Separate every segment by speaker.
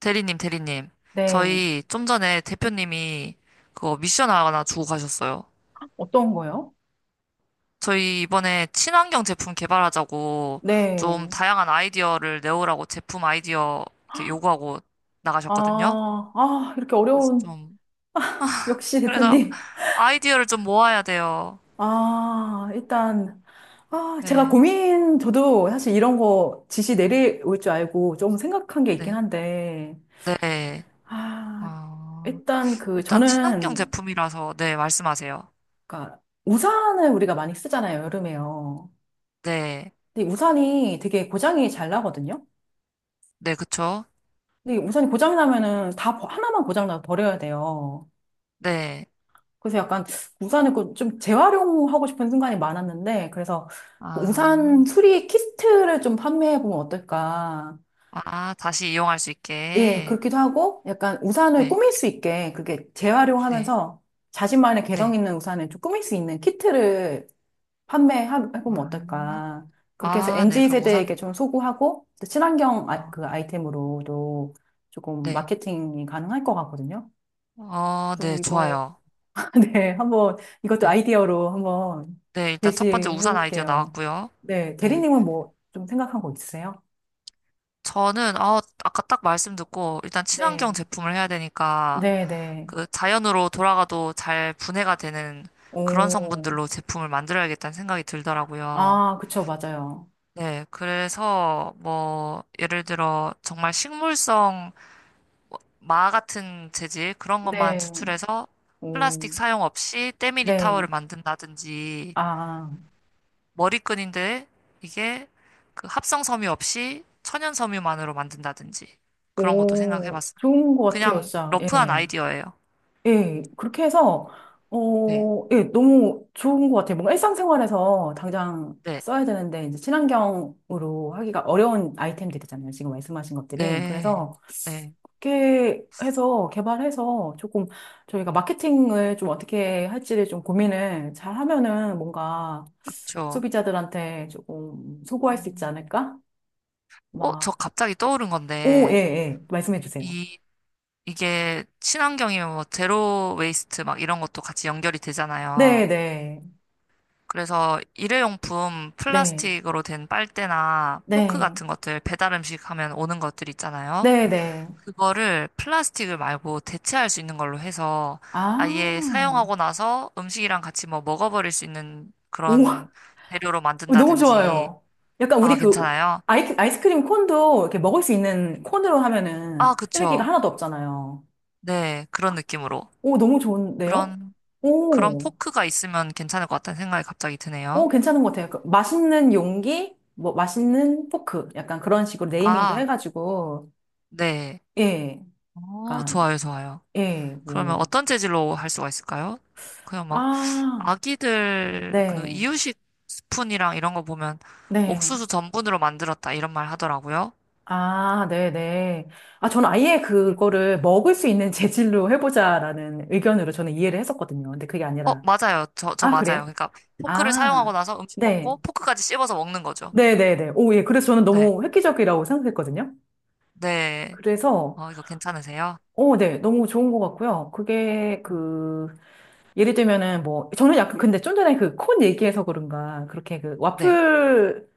Speaker 1: 대리님, 대리님.
Speaker 2: 네.
Speaker 1: 저희 좀 전에 대표님이 그거 미션 하나 주고 가셨어요.
Speaker 2: 어떤 거요?
Speaker 1: 저희 이번에 친환경 제품 개발하자고 좀
Speaker 2: 네.
Speaker 1: 다양한 아이디어를 내오라고 제품 아이디어 이렇게 요구하고 나가셨거든요.
Speaker 2: 아, 아, 이렇게
Speaker 1: 그래서
Speaker 2: 어려운,
Speaker 1: 좀,
Speaker 2: 역시
Speaker 1: 그래서
Speaker 2: 대표님.
Speaker 1: 아이디어를 좀 모아야 돼요.
Speaker 2: 아, 일단, 아, 제가
Speaker 1: 네,
Speaker 2: 고민, 저도 사실 이런 거 지시 내려올 줄 알고 조금 생각한 게 있긴
Speaker 1: 네,
Speaker 2: 한데,
Speaker 1: 네.
Speaker 2: 아,
Speaker 1: 어,
Speaker 2: 일단 그,
Speaker 1: 일단 친환경
Speaker 2: 저는,
Speaker 1: 제품이라서, 네, 말씀하세요.
Speaker 2: 그러니까, 우산을 우리가 많이 쓰잖아요, 여름에요.
Speaker 1: 네,
Speaker 2: 근데 우산이 되게 고장이 잘 나거든요?
Speaker 1: 네, 그쵸?
Speaker 2: 근데 우산이 고장이 나면은 다, 버- 하나만 고장 나도 버려야 돼요.
Speaker 1: 네.
Speaker 2: 그래서 약간 우산을 그좀 재활용하고 싶은 순간이 많았는데, 그래서 그
Speaker 1: 아,
Speaker 2: 우산 수리 키트를 좀 판매해보면 어떨까.
Speaker 1: 아, 다시 이용할 수
Speaker 2: 예,
Speaker 1: 있게.
Speaker 2: 그렇기도 하고, 약간 우산을
Speaker 1: 네.
Speaker 2: 꾸밀 수 있게, 그게
Speaker 1: 네,
Speaker 2: 재활용하면서 자신만의 개성
Speaker 1: 네.
Speaker 2: 있는 우산을 좀 꾸밀 수 있는 키트를 판매해보면
Speaker 1: 아,
Speaker 2: 어떨까. 그렇게 해서
Speaker 1: 아, 네.
Speaker 2: MZ
Speaker 1: 그럼 우산,
Speaker 2: 세대에게 좀 소구하고, 또 친환경 아,
Speaker 1: 어,
Speaker 2: 그 아이템으로도 조금
Speaker 1: 네.
Speaker 2: 마케팅이 가능할 것 같거든요.
Speaker 1: 어,
Speaker 2: 그래서
Speaker 1: 네.
Speaker 2: 이거
Speaker 1: 좋아요.
Speaker 2: 네, 한번 이것도
Speaker 1: 네.
Speaker 2: 아이디어로 한번
Speaker 1: 네. 일단 첫 번째
Speaker 2: 제시해
Speaker 1: 우산 아이디어
Speaker 2: 볼게요.
Speaker 1: 나왔고요.
Speaker 2: 네,
Speaker 1: 네.
Speaker 2: 대리님은 뭐 좀 생각한 거 있으세요?
Speaker 1: 저는, 아, 아까 딱 말씀 듣고, 일단
Speaker 2: 네,
Speaker 1: 친환경 제품을 해야 되니까,
Speaker 2: 네, 네.
Speaker 1: 그 자연으로 돌아가도 잘 분해가 되는 그런
Speaker 2: 오,
Speaker 1: 성분들로 제품을 만들어야겠다는 생각이 들더라고요.
Speaker 2: 아, 그쵸, 맞아요.
Speaker 1: 네. 그래서, 뭐, 예를 들어, 정말 식물성 마 같은 재질 그런 것만
Speaker 2: 네,
Speaker 1: 추출해서 플라스틱
Speaker 2: 오,
Speaker 1: 사용 없이 때밀이
Speaker 2: 네,
Speaker 1: 타월을 만든다든지
Speaker 2: 아,
Speaker 1: 머리끈인데 이게 그 합성 섬유 없이 천연 섬유만으로 만든다든지 그런 것도 생각해
Speaker 2: 오,
Speaker 1: 봤어요.
Speaker 2: 좋은 것 같아요,
Speaker 1: 그냥
Speaker 2: 진짜.
Speaker 1: 러프한
Speaker 2: 예,
Speaker 1: 아이디어예요.
Speaker 2: 예, 그렇게 해서,
Speaker 1: 네.
Speaker 2: 어, 예, 너무 좋은 것 같아요. 뭔가 일상생활에서 당장
Speaker 1: 네.
Speaker 2: 써야 되는데, 이제 친환경으로 하기가 어려운 아이템들이잖아요. 지금 말씀하신 것들이.
Speaker 1: 네.
Speaker 2: 그래서,
Speaker 1: 네.
Speaker 2: 이렇게 해서 개발해서 조금 저희가 마케팅을 좀 어떻게 할지를 좀 고민을 잘 하면은 뭔가
Speaker 1: 그쵸.
Speaker 2: 소비자들한테 조금 소구할 수 있지
Speaker 1: 음.
Speaker 2: 않을까?
Speaker 1: 어, 저
Speaker 2: 막,
Speaker 1: 갑자기 떠오른
Speaker 2: 오, 예,
Speaker 1: 건데
Speaker 2: 예. 말씀해 주세요.
Speaker 1: 이 이게 친환경이면 뭐 제로 웨이스트 막 이런 것도 같이 연결이
Speaker 2: 네,
Speaker 1: 되잖아요.
Speaker 2: 네,
Speaker 1: 그래서 일회용품
Speaker 2: 네,
Speaker 1: 플라스틱으로 된 빨대나 포크
Speaker 2: 네,
Speaker 1: 같은 것들, 배달 음식 하면 오는 것들 있잖아요.
Speaker 2: 네, 네.
Speaker 1: 그거를 플라스틱을 말고 대체할 수 있는 걸로 해서 아예
Speaker 2: 아,
Speaker 1: 사용하고 나서 음식이랑 같이 뭐 먹어버릴 수 있는
Speaker 2: 오,
Speaker 1: 그런 재료로
Speaker 2: 너무
Speaker 1: 만든다든지.
Speaker 2: 좋아요. 약간 우리
Speaker 1: 아,
Speaker 2: 그
Speaker 1: 괜찮아요?
Speaker 2: 아이스크림 콘도 이렇게 먹을 수 있는 콘으로
Speaker 1: 아,
Speaker 2: 하면은 쓰레기가
Speaker 1: 그쵸.
Speaker 2: 하나도 없잖아요.
Speaker 1: 네, 그런 느낌으로.
Speaker 2: 오, 너무 좋은데요?
Speaker 1: 그런, 그런
Speaker 2: 오.
Speaker 1: 포크가 있으면 괜찮을 것 같다는 생각이 갑자기 드네요.
Speaker 2: 어, 괜찮은 것 같아요. 그 맛있는 용기, 뭐, 맛있는 포크. 약간 그런 식으로 네이밍도
Speaker 1: 아,
Speaker 2: 해가지고,
Speaker 1: 네.
Speaker 2: 예,
Speaker 1: 어,
Speaker 2: 약간,
Speaker 1: 좋아요, 좋아요.
Speaker 2: 예,
Speaker 1: 그러면
Speaker 2: 뭐,
Speaker 1: 어떤 재질로 할 수가 있을까요? 그냥 막
Speaker 2: 아,
Speaker 1: 아기들 그
Speaker 2: 네,
Speaker 1: 이유식 스푼이랑 이런 거 보면
Speaker 2: 네.
Speaker 1: 옥수수 전분으로 만들었다 이런 말 하더라고요.
Speaker 2: 아, 네네. 아, 저는 아예
Speaker 1: 음.
Speaker 2: 그거를 먹을 수 있는 재질로 해보자라는 의견으로 저는 이해를 했었거든요. 근데 그게
Speaker 1: 어,
Speaker 2: 아니라,
Speaker 1: 맞아요. 저
Speaker 2: 아, 그래요?
Speaker 1: 맞아요. 그러니까 포크를
Speaker 2: 아,
Speaker 1: 사용하고 나서 음식
Speaker 2: 네.
Speaker 1: 먹고 포크까지 씹어서 먹는 거죠.
Speaker 2: 네네네. 오, 예. 그래서 저는
Speaker 1: 네.
Speaker 2: 너무 획기적이라고 생각했거든요.
Speaker 1: 네.
Speaker 2: 그래서,
Speaker 1: 어, 이거 괜찮으세요?
Speaker 2: 오, 네. 너무 좋은 것 같고요. 그게
Speaker 1: 음.
Speaker 2: 그, 예를 들면은 뭐 저는 약간 근데 좀 전에 그 콘 얘기해서 그런가 그렇게 그
Speaker 1: 네.
Speaker 2: 와플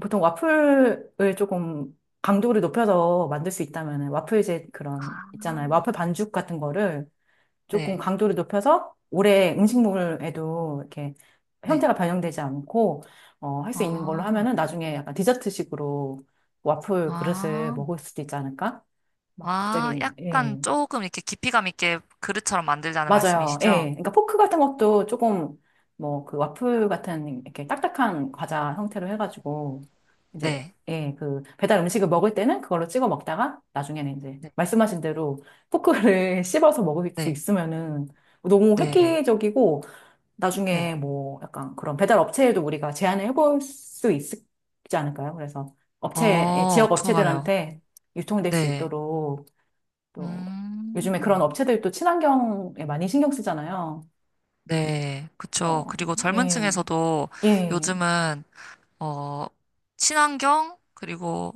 Speaker 2: 보통 와플을 조금 강도를 높여서 만들 수 있다면은 와플제 그런
Speaker 1: 아,
Speaker 2: 있잖아요 와플 반죽 같은 거를 조금
Speaker 1: 네.
Speaker 2: 강도를 높여서 오래 음식물에도 이렇게
Speaker 1: 네.
Speaker 2: 형태가 변형되지 않고 어, 할 수 있는 걸로
Speaker 1: 아,
Speaker 2: 하면은 나중에 약간 디저트식으로 와플 그릇을
Speaker 1: 아,
Speaker 2: 먹을 수도 있지 않을까? 막
Speaker 1: 아,
Speaker 2: 갑자기 예.
Speaker 1: 약간 조금 이렇게 깊이감 있게 그릇처럼 만들자는
Speaker 2: 맞아요. 예.
Speaker 1: 말씀이시죠?
Speaker 2: 그러니까 포크 같은 것도 조금 뭐 그 와플 같은 이렇게 딱딱한 과자 형태로 해가지고 이제
Speaker 1: 네.
Speaker 2: 예, 그 배달 음식을 먹을 때는 그걸로 찍어 먹다가 나중에는 이제
Speaker 1: 네.
Speaker 2: 말씀하신 대로 포크를 씹어서 먹을 수
Speaker 1: 네.
Speaker 2: 있으면은 너무
Speaker 1: 네.
Speaker 2: 획기적이고
Speaker 1: 네.
Speaker 2: 나중에 뭐 약간 그런 배달 업체에도 우리가 제안을 해볼 수 있- 있지 않을까요? 그래서 업체, 예,
Speaker 1: 어,
Speaker 2: 지역
Speaker 1: 좋아요.
Speaker 2: 업체들한테 유통될 수
Speaker 1: 네.
Speaker 2: 있도록 또
Speaker 1: 음,
Speaker 2: 요즘에 그런 업체들 또 친환경에 많이 신경 쓰잖아요.
Speaker 1: 네. 그쵸.
Speaker 2: 어,
Speaker 1: 그리고 젊은
Speaker 2: 예,
Speaker 1: 층에서도
Speaker 2: 예.
Speaker 1: 요즘은, 어, 친환경, 그리고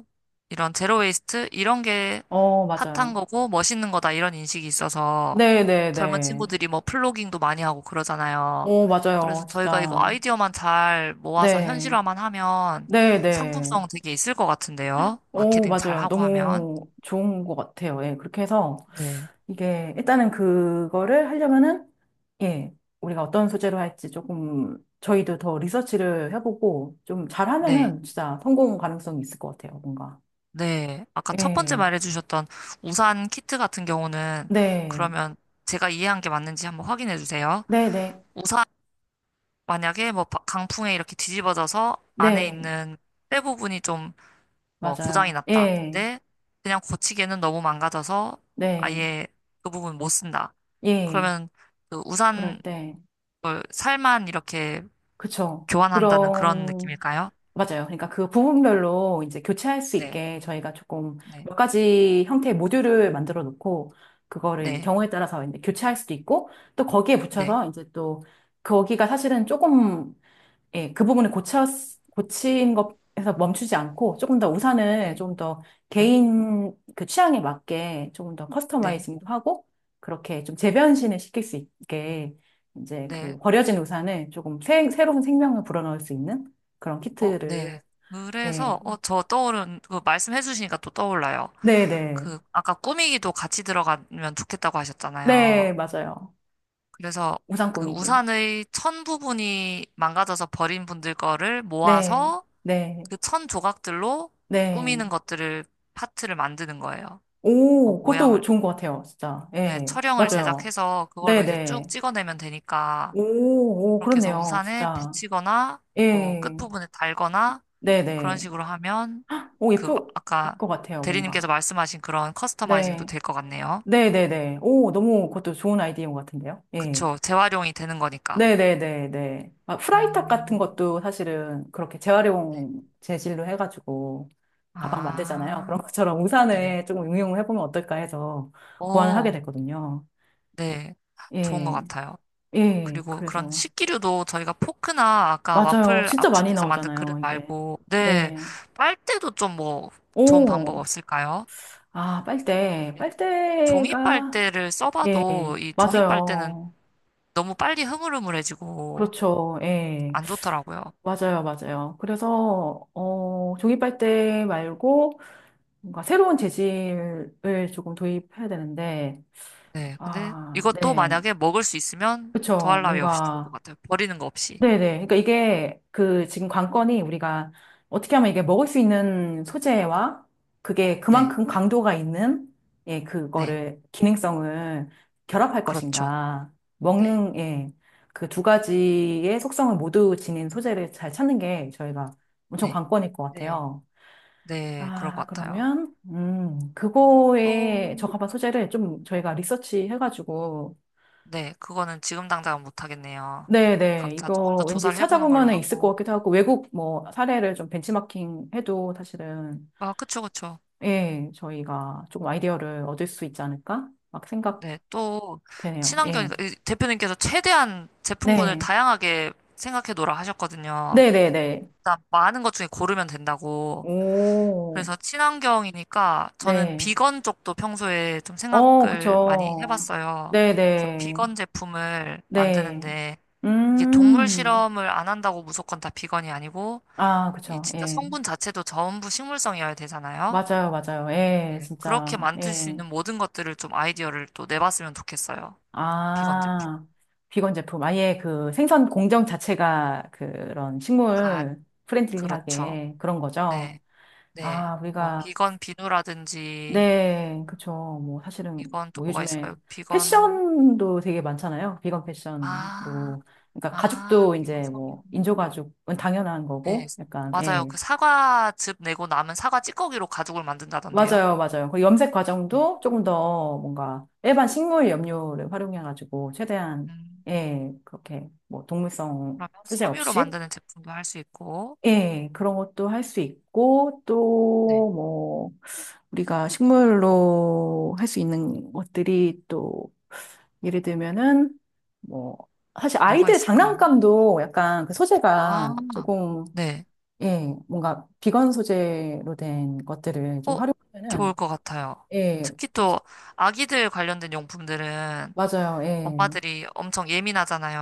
Speaker 1: 이런 제로웨이스트, 이런 게
Speaker 2: 어,
Speaker 1: 핫한
Speaker 2: 맞아요.
Speaker 1: 거고 멋있는 거다, 이런 인식이 있어서
Speaker 2: 네, 네,
Speaker 1: 젊은
Speaker 2: 네.
Speaker 1: 친구들이 뭐 플로깅도 많이 하고 그러잖아요.
Speaker 2: 오,
Speaker 1: 그래서
Speaker 2: 맞아요.
Speaker 1: 저희가 이거
Speaker 2: 진짜.
Speaker 1: 아이디어만 잘 모아서
Speaker 2: 네,
Speaker 1: 현실화만 하면
Speaker 2: 네, 네.
Speaker 1: 상품성 되게 있을 것 같은데요.
Speaker 2: 오,
Speaker 1: 마케팅 잘
Speaker 2: 맞아요.
Speaker 1: 하고 하면.
Speaker 2: 너무 좋은 것 같아요. 예, 그렇게 해서
Speaker 1: 네.
Speaker 2: 이게 일단은 그거를 하려면은 예, 우리가 어떤 소재로 할지 조금 저희도 더 리서치를 해보고 좀
Speaker 1: 네.
Speaker 2: 잘하면은 진짜 성공 가능성이 있을 것 같아요. 뭔가.
Speaker 1: 네, 아까 첫 번째
Speaker 2: 예,
Speaker 1: 말해주셨던 우산 키트 같은 경우는
Speaker 2: 네,
Speaker 1: 그러면 제가 이해한 게 맞는지 한번 확인해 주세요.
Speaker 2: 네, 네.
Speaker 1: 우산 만약에 뭐 강풍에 이렇게 뒤집어져서 안에
Speaker 2: 네,
Speaker 1: 있는 때 부분이 좀 뭐 고장이
Speaker 2: 맞아요.
Speaker 1: 났다.
Speaker 2: 예,
Speaker 1: 근데 그냥 고치기에는 너무 망가져서
Speaker 2: 네,
Speaker 1: 아예 그 부분 못 쓴다.
Speaker 2: 예,
Speaker 1: 그러면 그
Speaker 2: 그럴
Speaker 1: 우산
Speaker 2: 때,
Speaker 1: 걸 살만 이렇게
Speaker 2: 그쵸. 그
Speaker 1: 교환한다는 그런
Speaker 2: 럼
Speaker 1: 느낌일까요?
Speaker 2: 맞아요. 그러니까 그 부분별로 이제 교체할 수
Speaker 1: 네,
Speaker 2: 있게 저희가 조금
Speaker 1: 네,
Speaker 2: 몇 가지 형태의 모듈을 만들어 놓고, 그거를 이제
Speaker 1: 네,
Speaker 2: 경우에 따라서 이제 교체할 수도 있고, 또 거기에
Speaker 1: 네,
Speaker 2: 붙여서 이제 또, 거기가 사실은 조금 예, 그 부분을 고쳐, 고친 것에서 멈추지 않고 조금 더 우산을
Speaker 1: 네,
Speaker 2: 좀 더
Speaker 1: 네,
Speaker 2: 개인 그 취향에 맞게 조금 더
Speaker 1: 네, 네.
Speaker 2: 커스터마이징도 하고 그렇게 좀 재변신을 시킬 수 있게 이제
Speaker 1: 네.
Speaker 2: 그 버려진 우산을 조금 새로운 생명을 불어넣을 수 있는 그런
Speaker 1: 어,
Speaker 2: 키트를
Speaker 1: 네.
Speaker 2: 예.
Speaker 1: 그래서, 어, 저 떠오른, 그 말씀해 주시니까 또 떠올라요.
Speaker 2: 네, 네.
Speaker 1: 그, 아까 꾸미기도 같이 들어가면 좋겠다고
Speaker 2: 네,
Speaker 1: 하셨잖아요.
Speaker 2: 맞아요.
Speaker 1: 그래서
Speaker 2: 우산
Speaker 1: 그
Speaker 2: 꾸미기.
Speaker 1: 우산의 천 부분이 망가져서 버린 분들 거를
Speaker 2: 네.
Speaker 1: 모아서
Speaker 2: 네.
Speaker 1: 그 천 조각들로 꾸미는
Speaker 2: 네.
Speaker 1: 것들을, 파트를 만드는 거예요. 뭐,
Speaker 2: 오, 그것도
Speaker 1: 모양을.
Speaker 2: 좋은 것 같아요. 진짜.
Speaker 1: 네,
Speaker 2: 예.
Speaker 1: 철형을
Speaker 2: 맞아요.
Speaker 1: 제작해서 그걸로 이제 쭉
Speaker 2: 네네.
Speaker 1: 찍어내면 되니까,
Speaker 2: 오, 오,
Speaker 1: 그렇게 해서
Speaker 2: 그렇네요.
Speaker 1: 우산에
Speaker 2: 진짜.
Speaker 1: 붙이거나, 뭐,
Speaker 2: 예.
Speaker 1: 끝부분에 달거나, 그런
Speaker 2: 네네.
Speaker 1: 식으로 하면
Speaker 2: 오,
Speaker 1: 그
Speaker 2: 예쁠
Speaker 1: 아까
Speaker 2: 것 같아요,
Speaker 1: 대리님께서
Speaker 2: 뭔가.
Speaker 1: 말씀하신 그런 커스터마이징도
Speaker 2: 네.
Speaker 1: 될 것 같네요.
Speaker 2: 네네네. 오, 너무 그것도 좋은 아이디어인 것 같은데요. 예.
Speaker 1: 그쵸. 재활용이 되는 거니까.
Speaker 2: 네네네네. 아, 프라이탑 같은
Speaker 1: 음,
Speaker 2: 것도 사실은 그렇게
Speaker 1: 네.
Speaker 2: 재활용 재질로 해가지고 가방 만들잖아요.
Speaker 1: 아,
Speaker 2: 그런 것처럼
Speaker 1: 네네.
Speaker 2: 우산에 조금 응용을 해보면 어떨까 해서 고안을 하게
Speaker 1: 오
Speaker 2: 됐거든요.
Speaker 1: 네. 좋은 것
Speaker 2: 예.
Speaker 1: 같아요.
Speaker 2: 예.
Speaker 1: 그리고 그런
Speaker 2: 그래서.
Speaker 1: 식기류도 저희가 포크나 아까
Speaker 2: 맞아요.
Speaker 1: 와플
Speaker 2: 진짜 많이
Speaker 1: 압축해서 만든 그릇
Speaker 2: 나오잖아요, 이게.
Speaker 1: 말고, 네.
Speaker 2: 네.
Speaker 1: 빨대도 좀 뭐, 좋은 방법
Speaker 2: 오.
Speaker 1: 없을까요?
Speaker 2: 아, 빨대.
Speaker 1: 네. 종이
Speaker 2: 빨대가,
Speaker 1: 빨대를
Speaker 2: 예,
Speaker 1: 써봐도 이 종이 빨대는
Speaker 2: 맞아요.
Speaker 1: 너무 빨리 흐물흐물해지고
Speaker 2: 그렇죠. 예,
Speaker 1: 안 좋더라고요.
Speaker 2: 맞아요, 맞아요. 그래서, 어, 종이 빨대 말고 뭔가 새로운 재질을 조금 도입해야 되는데,
Speaker 1: 네. 근데
Speaker 2: 아,
Speaker 1: 이것도
Speaker 2: 네.
Speaker 1: 만약에 먹을 수 있으면
Speaker 2: 그렇죠.
Speaker 1: 더할 나위 없이 좋을 것
Speaker 2: 뭔가,
Speaker 1: 같아요. 버리는 거 없이.
Speaker 2: 네네. 그러니까 이게 그 지금 관건이 우리가 어떻게 하면 이게 먹을 수 있는 소재와 그게
Speaker 1: 네.
Speaker 2: 그만큼 강도가 있는 예,
Speaker 1: 네.
Speaker 2: 그거를 기능성을 결합할
Speaker 1: 그렇죠.
Speaker 2: 것인가.
Speaker 1: 네.
Speaker 2: 먹는 예, 그 두 가지의 속성을 모두 지닌 소재를 잘 찾는 게 저희가 엄청
Speaker 1: 네.
Speaker 2: 관건일 것
Speaker 1: 네.
Speaker 2: 같아요.
Speaker 1: 네. 그럴 것
Speaker 2: 아,
Speaker 1: 같아요.
Speaker 2: 그러면
Speaker 1: 또,
Speaker 2: 그거에 적합한 소재를 좀 저희가 리서치 해가지고
Speaker 1: 네. 그거는 지금 당장은 못 하겠네요.
Speaker 2: 네네.
Speaker 1: 각자 조금
Speaker 2: 이거
Speaker 1: 더
Speaker 2: 왠지
Speaker 1: 조사를 해보는 걸로
Speaker 2: 찾아보면은 있을 것
Speaker 1: 하고.
Speaker 2: 같기도 하고, 외국 뭐 사례를 좀 벤치마킹 해도 사실은,
Speaker 1: 아, 그쵸, 그쵸.
Speaker 2: 예, 저희가 조금 아이디어를 얻을 수 있지 않을까? 막
Speaker 1: 네. 또,
Speaker 2: 생각되네요.
Speaker 1: 친환경,
Speaker 2: 예.
Speaker 1: 대표님께서 최대한 제품군을
Speaker 2: 네.
Speaker 1: 다양하게 생각해 놓으라 하셨거든요.
Speaker 2: 네네네.
Speaker 1: 일단 많은 것 중에 고르면 된다고.
Speaker 2: 오,
Speaker 1: 그래서 친환경이니까 저는
Speaker 2: 네.
Speaker 1: 비건 쪽도 평소에 좀
Speaker 2: 어,
Speaker 1: 생각을 많이
Speaker 2: 그쵸.
Speaker 1: 해봤어요. 그래서
Speaker 2: 네네.
Speaker 1: 비건 제품을
Speaker 2: 네.
Speaker 1: 만드는데 이게 동물
Speaker 2: 음.
Speaker 1: 실험을 안 한다고 무조건 다 비건이 아니고
Speaker 2: 아,
Speaker 1: 이
Speaker 2: 그쵸.
Speaker 1: 진짜
Speaker 2: 예.
Speaker 1: 성분 자체도 전부 식물성이어야 되잖아요.
Speaker 2: 맞아요, 맞아요. 예,
Speaker 1: 네, 그렇게
Speaker 2: 진짜.
Speaker 1: 만들 수
Speaker 2: 예.
Speaker 1: 있는 모든 것들을 좀 아이디어를 또 내봤으면 좋겠어요. 비건 제품.
Speaker 2: 아, 비건 제품. 아예 그 생선 공정 자체가 그런
Speaker 1: 다
Speaker 2: 식물
Speaker 1: 그렇죠.
Speaker 2: 프렌들리하게 그런 거죠.
Speaker 1: 네, 네.
Speaker 2: 아,
Speaker 1: 뭐
Speaker 2: 우리가,
Speaker 1: 비건 비누라든지
Speaker 2: 네, 그쵸. 뭐, 사실은
Speaker 1: 비건 또
Speaker 2: 뭐
Speaker 1: 뭐가
Speaker 2: 요즘에
Speaker 1: 있을까요? 비건
Speaker 2: 패션도 되게 많잖아요. 비건
Speaker 1: 아,
Speaker 2: 패션도. 그러니까
Speaker 1: 아,
Speaker 2: 가죽도
Speaker 1: 비건
Speaker 2: 이제 뭐,
Speaker 1: 섬유.
Speaker 2: 인조가죽은 당연한
Speaker 1: 네,
Speaker 2: 거고, 약간,
Speaker 1: 맞아요.
Speaker 2: 예.
Speaker 1: 그 사과즙 내고 남은 사과 찌꺼기로 가죽을 만든다던데요.
Speaker 2: 맞아요, 맞아요. 그 염색
Speaker 1: 네.
Speaker 2: 과정도 조금 더 뭔가 일반 식물 염료를 활용해가지고 최대한
Speaker 1: 음,
Speaker 2: 예 그렇게 뭐 동물성
Speaker 1: 그러면
Speaker 2: 소재
Speaker 1: 섬유로
Speaker 2: 없이
Speaker 1: 만드는 제품도 할 수 있고,
Speaker 2: 예 그런 것도 할 수 있고
Speaker 1: 네,
Speaker 2: 또 뭐 우리가 식물로 할 수 있는 것들이 또 예를 들면은 뭐 사실
Speaker 1: 뭐가
Speaker 2: 아이들
Speaker 1: 있을까요?
Speaker 2: 장난감도 약간 그
Speaker 1: 아,
Speaker 2: 소재가 조금
Speaker 1: 네,
Speaker 2: 예 뭔가 비건 소재로 된 것들을 좀
Speaker 1: 어, 좋을
Speaker 2: 활용하면은
Speaker 1: 것 같아요.
Speaker 2: 예.
Speaker 1: 특히 또 아기들 관련된 용품들은
Speaker 2: 맞아요. 예.
Speaker 1: 엄마들이 엄청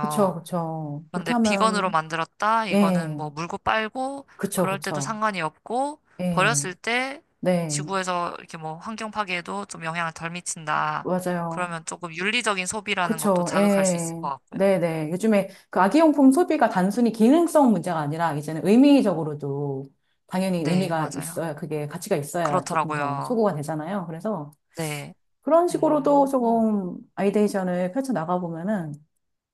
Speaker 2: 그쵸, 그쵸. 그렇게
Speaker 1: 그런데 비건으로
Speaker 2: 하면,
Speaker 1: 만들었다.
Speaker 2: 예.
Speaker 1: 이거는 뭐 물고 빨고
Speaker 2: 그쵸,
Speaker 1: 그럴 때도
Speaker 2: 그쵸.
Speaker 1: 상관이 없고
Speaker 2: 예.
Speaker 1: 버렸을 때
Speaker 2: 네.
Speaker 1: 지구에서 이렇게 뭐 환경 파괴에도 좀 영향을 덜 미친다.
Speaker 2: 맞아요.
Speaker 1: 그러면 조금 윤리적인 소비라는 것도
Speaker 2: 그쵸.
Speaker 1: 자극할 수
Speaker 2: 예.
Speaker 1: 있을 것 같고요.
Speaker 2: 네네. 요즘에 그 아기용품 소비가 단순히 기능성 문제가 아니라 이제는 의미적으로도 당연히
Speaker 1: 네,
Speaker 2: 의미가
Speaker 1: 맞아요.
Speaker 2: 있어야, 그게 가치가 있어야 조금 더
Speaker 1: 그렇더라고요.
Speaker 2: 소구가 되잖아요. 그래서
Speaker 1: 네.
Speaker 2: 그런 식으로도
Speaker 1: 음.
Speaker 2: 조금 아이데이션을 펼쳐나가보면은,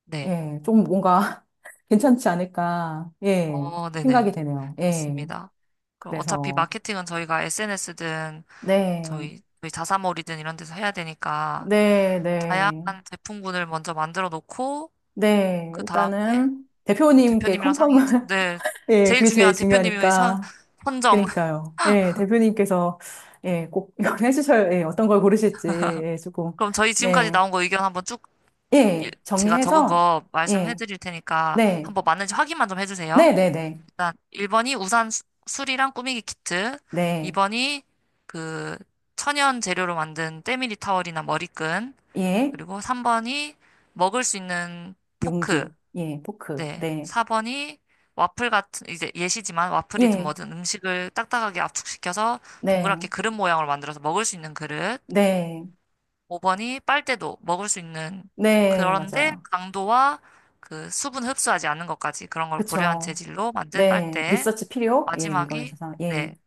Speaker 1: 네.
Speaker 2: 예. 좀 뭔가 괜찮지 않을까. 예.
Speaker 1: 어,
Speaker 2: 생각이
Speaker 1: 네네.
Speaker 2: 되네요. 예.
Speaker 1: 좋습니다. 그럼 어차피
Speaker 2: 그래서.
Speaker 1: 마케팅은 저희가 SNS든
Speaker 2: 네,
Speaker 1: 저희 자사몰이든 이런 데서 해야 되니까
Speaker 2: 네, 네,
Speaker 1: 다양한 제품군을 먼저 만들어 놓고
Speaker 2: 네.
Speaker 1: 그 다음에
Speaker 2: 일단은
Speaker 1: 또
Speaker 2: 대표님께
Speaker 1: 대표님이랑
Speaker 2: 컨펌을,
Speaker 1: 상의해서 네
Speaker 2: 예,
Speaker 1: 제일
Speaker 2: 그게 제일
Speaker 1: 중요한 대표님의 선
Speaker 2: 중요하니까.
Speaker 1: 선정
Speaker 2: 그니까요. 예, 대표님께서, 예, 꼭 이걸 해주셔야, 예, 어떤 걸 고르실지, 예, 조금,
Speaker 1: 그럼 저희 지금까지
Speaker 2: 예,
Speaker 1: 나온 거 의견 한번 쭉
Speaker 2: 예,
Speaker 1: 제가 적은
Speaker 2: 정리해서,
Speaker 1: 거
Speaker 2: 예,
Speaker 1: 말씀해드릴 테니까
Speaker 2: 네,
Speaker 1: 한번 맞는지 확인만 좀 해주세요.
Speaker 2: 네, 네, 네,
Speaker 1: 일단 1번이 우산 수리랑 꾸미기 키트,
Speaker 2: 네,
Speaker 1: 2번이 그 천연 재료로 만든 때밀이 타월이나 머리끈,
Speaker 2: 예,
Speaker 1: 그리고 3번이 먹을 수 있는 포크,
Speaker 2: 용기, 예, 포크,
Speaker 1: 네.
Speaker 2: 네,
Speaker 1: 4번이 와플 같은, 이제 예시지만 와플이든
Speaker 2: 예,
Speaker 1: 뭐든 음식을 딱딱하게 압축시켜서
Speaker 2: 네,
Speaker 1: 동그랗게 그릇 모양으로 만들어서 먹을 수 있는 그릇.
Speaker 2: 네,
Speaker 1: 5번이 빨대도 먹을 수 있는
Speaker 2: 네,
Speaker 1: 그런데
Speaker 2: 맞아요.
Speaker 1: 강도와 그 수분 흡수하지 않는 것까지 그런 걸 고려한
Speaker 2: 그쵸.
Speaker 1: 재질로 만든
Speaker 2: 네,
Speaker 1: 빨대.
Speaker 2: 리서치 필요? 예, 이거에
Speaker 1: 마지막이,
Speaker 2: 있어서, 예.
Speaker 1: 네.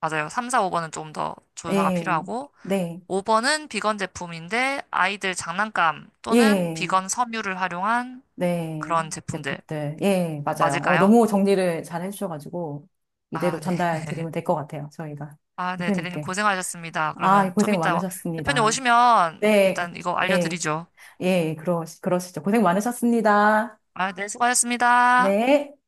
Speaker 1: 맞아요. 3, 4, 5번은 좀 더 조사가
Speaker 2: 예,
Speaker 1: 필요하고.
Speaker 2: 네,
Speaker 1: 5번은 비건 제품인데 아이들 장난감 또는
Speaker 2: 예,
Speaker 1: 비건 섬유를 활용한
Speaker 2: 네,
Speaker 1: 그런 제품들.
Speaker 2: 제품들, 예,
Speaker 1: 아,
Speaker 2: 맞아요. 어,
Speaker 1: 맞을까요?
Speaker 2: 너무 정리를 잘 해주셔가지고, 이대로
Speaker 1: 아, 네.
Speaker 2: 전달 드리면 될 것 같아요, 저희가.
Speaker 1: 아, 네, 대리님
Speaker 2: 대표님께.
Speaker 1: 고생하셨습니다.
Speaker 2: 아,
Speaker 1: 그러면 좀
Speaker 2: 고생
Speaker 1: 이따 대표님
Speaker 2: 많으셨습니다.
Speaker 1: 오시면
Speaker 2: 네, 가-
Speaker 1: 일단 이거
Speaker 2: 예,
Speaker 1: 알려드리죠.
Speaker 2: 예, 그러시죠. 고생 많으셨습니다.
Speaker 1: 아, 네, 수고하셨습니다.
Speaker 2: 네.